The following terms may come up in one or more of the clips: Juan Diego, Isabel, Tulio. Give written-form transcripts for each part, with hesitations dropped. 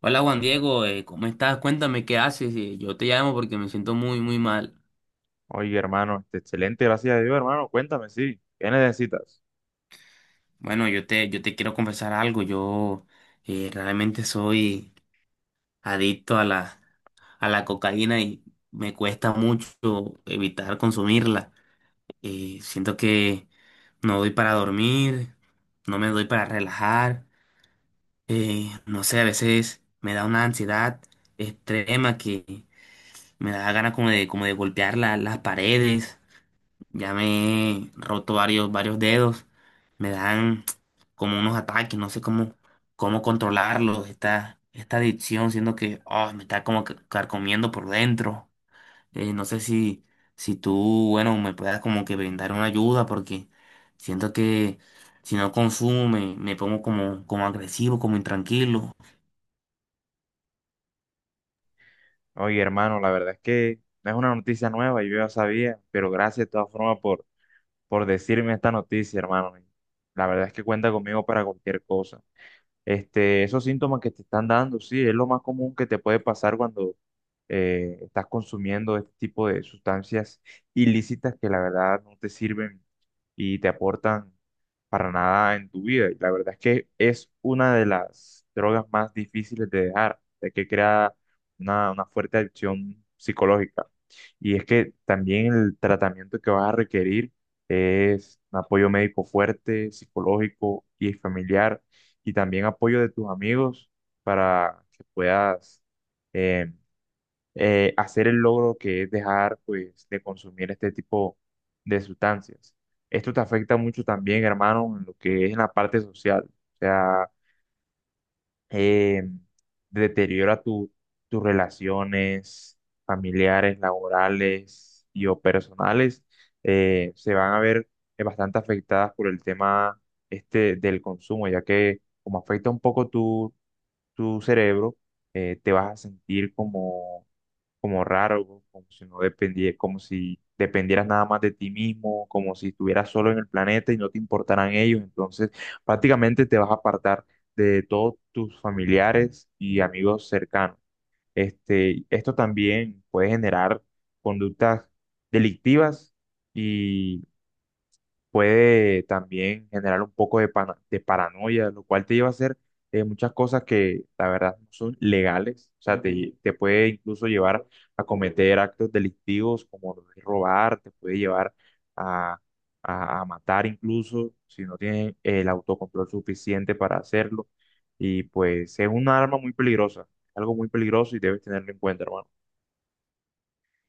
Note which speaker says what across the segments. Speaker 1: Hola Juan Diego, ¿cómo estás? Cuéntame qué haces. Yo te llamo porque me siento muy, muy mal.
Speaker 2: Oye, hermano, este, excelente, gracias a Dios, hermano. Cuéntame, sí, ¿qué necesitas?
Speaker 1: Bueno, yo te quiero confesar algo. Yo realmente soy adicto a a la cocaína y me cuesta mucho evitar consumirla. Siento que no doy para dormir, no me doy para relajar. No sé, a veces me da una ansiedad extrema que me da ganas como de golpear las paredes. Ya me he roto varios dedos. Me dan como unos ataques, no sé cómo controlarlos. Esta adicción, siendo que me está como que carcomiendo por dentro. No sé si tú, bueno, me puedas como que brindar una ayuda porque siento que si no consumo me pongo como agresivo, como intranquilo.
Speaker 2: Oye, hermano, la verdad es que no es una noticia nueva, yo ya sabía, pero gracias de todas formas por decirme esta noticia, hermano. La verdad es que cuenta conmigo para cualquier cosa. Este, esos síntomas que te están dando, sí, es lo más común que te puede pasar cuando estás consumiendo este tipo de sustancias ilícitas que la verdad no te sirven y te aportan para nada en tu vida. Y la verdad es que es una de las drogas más difíciles de dejar, de que crea una fuerte adicción psicológica. Y es que también el tratamiento que vas a requerir es un apoyo médico fuerte, psicológico y familiar y también apoyo de tus amigos para que puedas eh, hacer el logro que es dejar pues de consumir este tipo de sustancias. Esto te afecta mucho también, hermano, en lo que es en la parte social. O sea, eh, deteriora tus relaciones familiares, laborales y o personales. Se van a ver bastante afectadas por el tema este del consumo, ya que como afecta un poco tu cerebro, te vas a sentir como raro, como si como si dependieras nada más de ti mismo, como si estuvieras solo en el planeta y no te importaran ellos. Entonces, prácticamente te vas a apartar de todos tus familiares y amigos cercanos. Este, esto también puede generar conductas delictivas y puede también generar un poco de paranoia, lo cual te lleva a hacer muchas cosas que la verdad no son legales, o sea, te puede incluso llevar a cometer actos delictivos como lo de robar, te puede llevar a, a matar incluso si no tienes el autocontrol suficiente para hacerlo. Y pues es un arma muy peligrosa, algo muy peligroso y debes tenerlo en cuenta, hermano.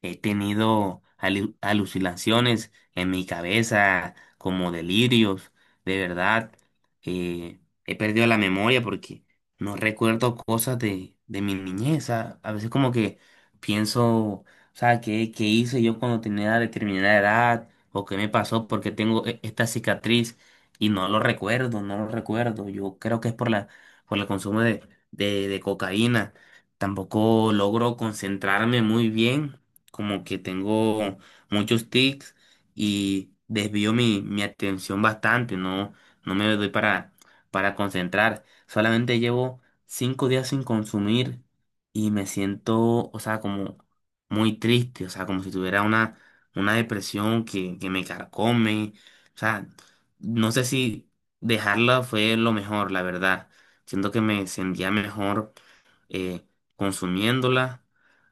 Speaker 1: He tenido alucinaciones en mi cabeza, como delirios, de verdad. eh, He perdido la memoria porque no recuerdo cosas de mi niñez. A veces como que pienso, o sea, ¿ qué hice yo cuando tenía determinada edad? ¿O qué me pasó porque tengo esta cicatriz? Y no lo recuerdo, no lo recuerdo. Yo creo que es por por el consumo de cocaína. Tampoco logro concentrarme muy bien, como que tengo muchos tics y desvío mi atención bastante, no, no me doy para concentrar. Solamente llevo 5 días sin consumir y me siento, o sea, como muy triste, o sea, como si tuviera una depresión que me carcome. O sea, no sé si dejarla fue lo mejor, la verdad. Siento que me sentía mejor eh, consumiéndola,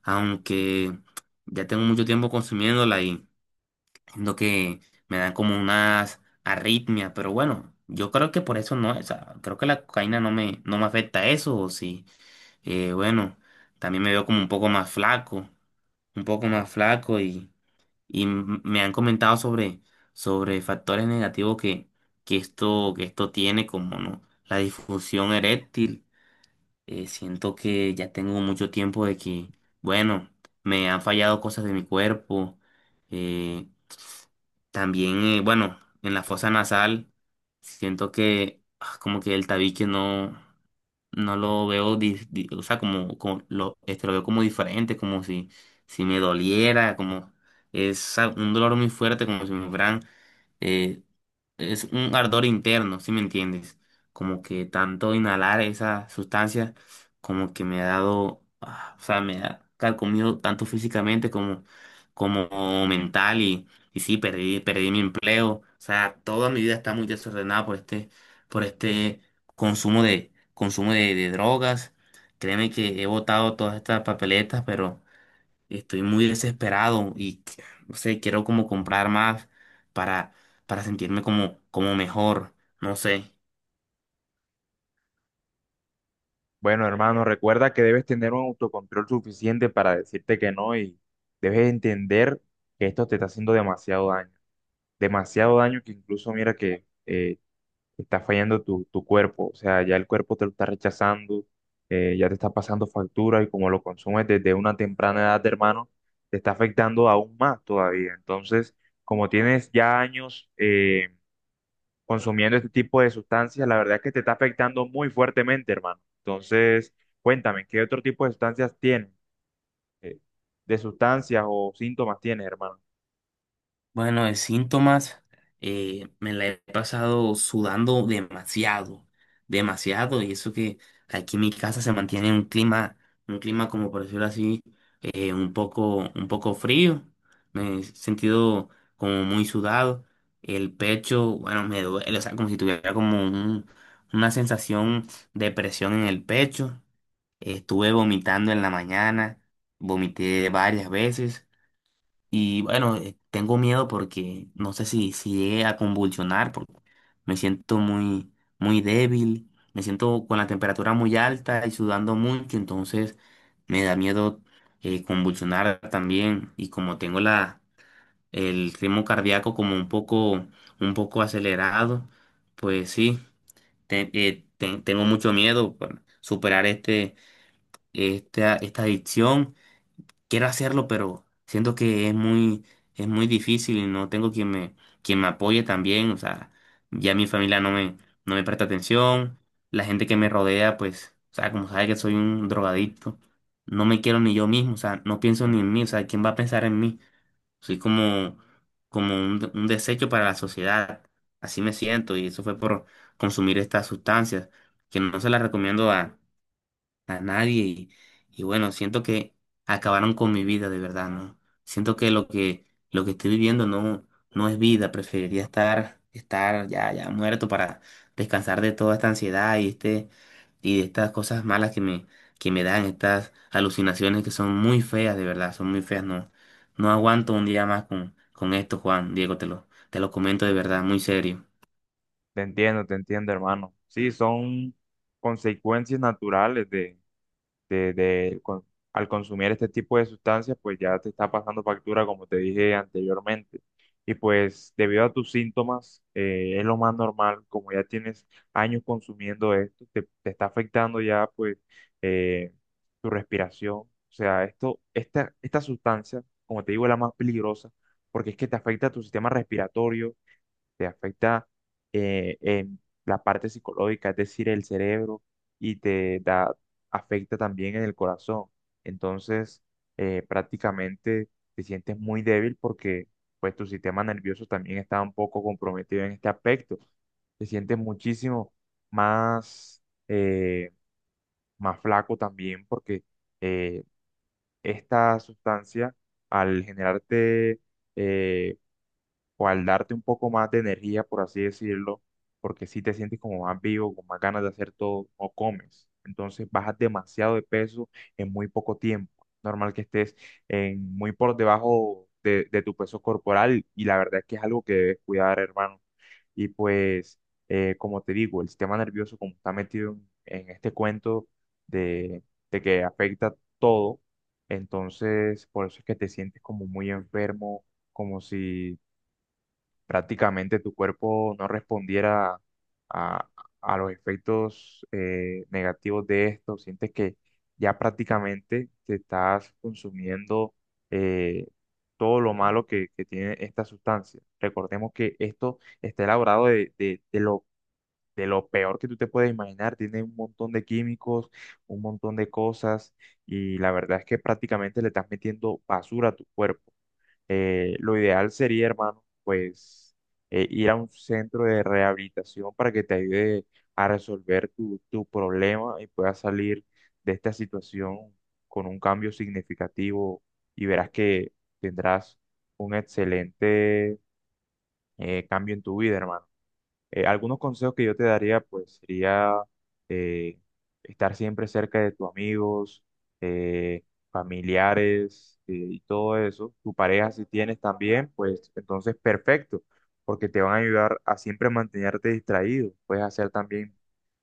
Speaker 1: aunque ya tengo mucho tiempo consumiéndola y siento que me dan como unas arritmias, pero bueno, yo creo que por eso no, o sea, creo que la cocaína no no me afecta eso, o sí, bueno, también me veo como un poco más flaco, un poco más flaco, y me han comentado sobre factores negativos que esto tiene como, ¿no? La disfunción eréctil. Siento que ya tengo mucho tiempo de que, bueno, me han fallado cosas de mi cuerpo. Eh, también, bueno, en la fosa nasal, siento que como que el tabique no, no lo veo, o sea, como lo, este, lo veo como diferente, como si, si me doliera, como es un dolor muy fuerte, como si me fueran eh, es un ardor interno, ¿sí me entiendes? Como que tanto inhalar esa sustancia, como que me ha dado, o sea, me ha carcomido tanto físicamente como mental y sí, perdí, perdí mi empleo. O sea, toda mi vida está muy desordenada por este consumo de drogas. Créeme que he botado todas estas papeletas, pero estoy muy desesperado y no sé, quiero como comprar más para, para sentirme como mejor, no sé.
Speaker 2: Bueno, hermano, recuerda que debes tener un autocontrol suficiente para decirte que no y debes entender que esto te está haciendo demasiado daño. Demasiado daño que incluso mira que está fallando tu cuerpo. O sea, ya el cuerpo te lo está rechazando, ya te está pasando factura y como lo consumes desde una temprana edad, hermano, te está afectando aún más todavía. Entonces, como tienes ya años consumiendo este tipo de sustancias, la verdad es que te está afectando muy fuertemente, hermano. Entonces, cuéntame, ¿qué otro tipo de sustancias tienes? Eh, ¿De sustancias o síntomas tienes, hermano?
Speaker 1: Bueno, de síntomas, me la he pasado sudando demasiado, demasiado, y eso que aquí en mi casa se mantiene un clima como por decirlo así, un poco frío. Me he sentido como muy sudado. El pecho, bueno, me duele, o sea, como si tuviera como una sensación de presión en el pecho. Estuve vomitando en la mañana, vomité varias veces. Y bueno, tengo miedo porque no sé si, si llegue a convulsionar, porque me siento muy, muy débil, me siento con la temperatura muy alta y sudando mucho, entonces me da miedo convulsionar también. Y como tengo el ritmo cardíaco como un poco acelerado, pues sí, tengo mucho miedo por superar este, esta adicción. Quiero hacerlo, pero siento que es muy difícil y no tengo quien quien me apoye también. O sea, ya mi familia no no me presta atención. La gente que me rodea, pues, o sea, como sabe que soy un drogadicto, no me quiero ni yo mismo. O sea, no pienso ni
Speaker 2: En-
Speaker 1: en mí. O sea, ¿quién va a pensar en mí? Soy como un desecho para la sociedad. Así me siento y eso fue por consumir estas sustancias, que no se las recomiendo a nadie y bueno, siento que acabaron con mi vida de verdad, ¿no? Siento que lo que estoy viviendo no es vida, preferiría estar ya muerto para descansar de toda esta ansiedad y y de estas cosas malas que me dan estas alucinaciones que son muy feas de verdad, son muy feas, no no aguanto un día más con esto, Juan Diego, te lo comento de verdad, muy serio.
Speaker 2: Te entiendo, hermano. Sí, son consecuencias naturales de al consumir este tipo de sustancias, pues ya te está pasando factura, como te dije anteriormente. Y pues debido a tus síntomas, es lo más normal, como ya tienes años consumiendo esto, te está afectando ya pues eh, tu respiración. O sea, esta sustancia, como te digo, es la más peligrosa porque es que te afecta a tu sistema respiratorio, te afecta en la parte psicológica, es decir, el cerebro, y afecta también en el corazón. Entonces, prácticamente te sientes muy débil porque pues tu sistema nervioso también está un poco comprometido en este aspecto. Te sientes muchísimo más, eh, más flaco también porque eh, esta sustancia al generarte... eh, o al darte un poco más de energía, por así decirlo, porque si te sientes como más vivo, con más ganas de hacer todo, o comes. Entonces bajas demasiado de peso en muy poco tiempo. Normal que estés en, muy por debajo de tu peso corporal y la verdad es que es algo que debes cuidar, hermano. Y pues, como te digo, el sistema nervioso, como está metido en este cuento de, que afecta todo, entonces por eso es que te sientes como muy enfermo, como si prácticamente tu cuerpo no respondiera a, a los efectos negativos de esto, sientes que ya prácticamente te estás consumiendo eh, todo lo malo que tiene esta sustancia. Recordemos que esto está elaborado de lo peor que tú te puedes imaginar, tiene un montón de químicos, un montón de cosas y la verdad es que prácticamente le estás metiendo basura a tu cuerpo. Eh, lo ideal sería, hermano, pues ir a un centro de rehabilitación para que te ayude a resolver tu problema y puedas salir de esta situación con un cambio significativo y verás que tendrás un excelente cambio en tu vida, hermano. Algunos consejos que yo te daría, pues, sería eh, estar siempre cerca de tus amigos, eh, familiares y todo eso. Tu pareja, si tienes también, pues, entonces perfecto, porque te van a ayudar a siempre mantenerte distraído. Puedes hacer también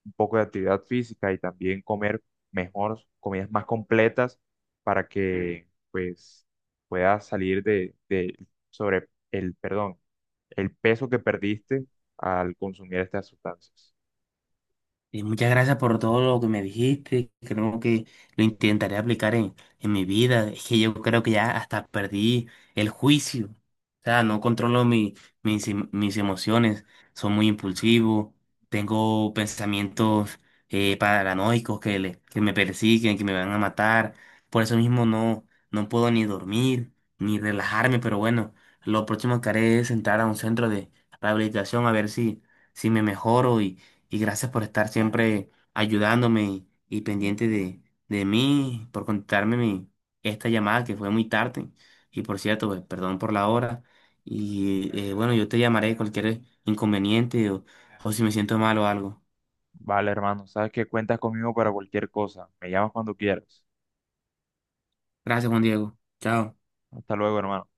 Speaker 2: un poco de actividad física y también comer mejor, comidas más completas para que, pues, puedas salir de sobre el, perdón, el peso que perdiste al consumir estas sustancias.
Speaker 1: Y muchas gracias por todo lo que me dijiste. Creo que lo intentaré aplicar en mi vida. Es que yo creo que ya hasta perdí el juicio. O sea, no controlo mis emociones. Soy muy impulsivo. Tengo pensamientos paranoicos que me persiguen, que me van a matar. Por eso mismo no, no puedo ni dormir, ni relajarme. Pero bueno, lo próximo que haré es entrar a un centro de rehabilitación a ver si, si me mejoro, y gracias por estar siempre ayudándome y pendiente de mí, por contestarme esta llamada que fue muy tarde. Y por cierto, pues, perdón por la hora. Y bueno, yo te llamaré cualquier inconveniente o si me siento mal o algo.
Speaker 2: Vale, hermano, sabes que cuentas conmigo para cualquier cosa. Me llamas cuando quieras.
Speaker 1: Gracias, Juan Diego. Chao.
Speaker 2: Hasta luego, hermano.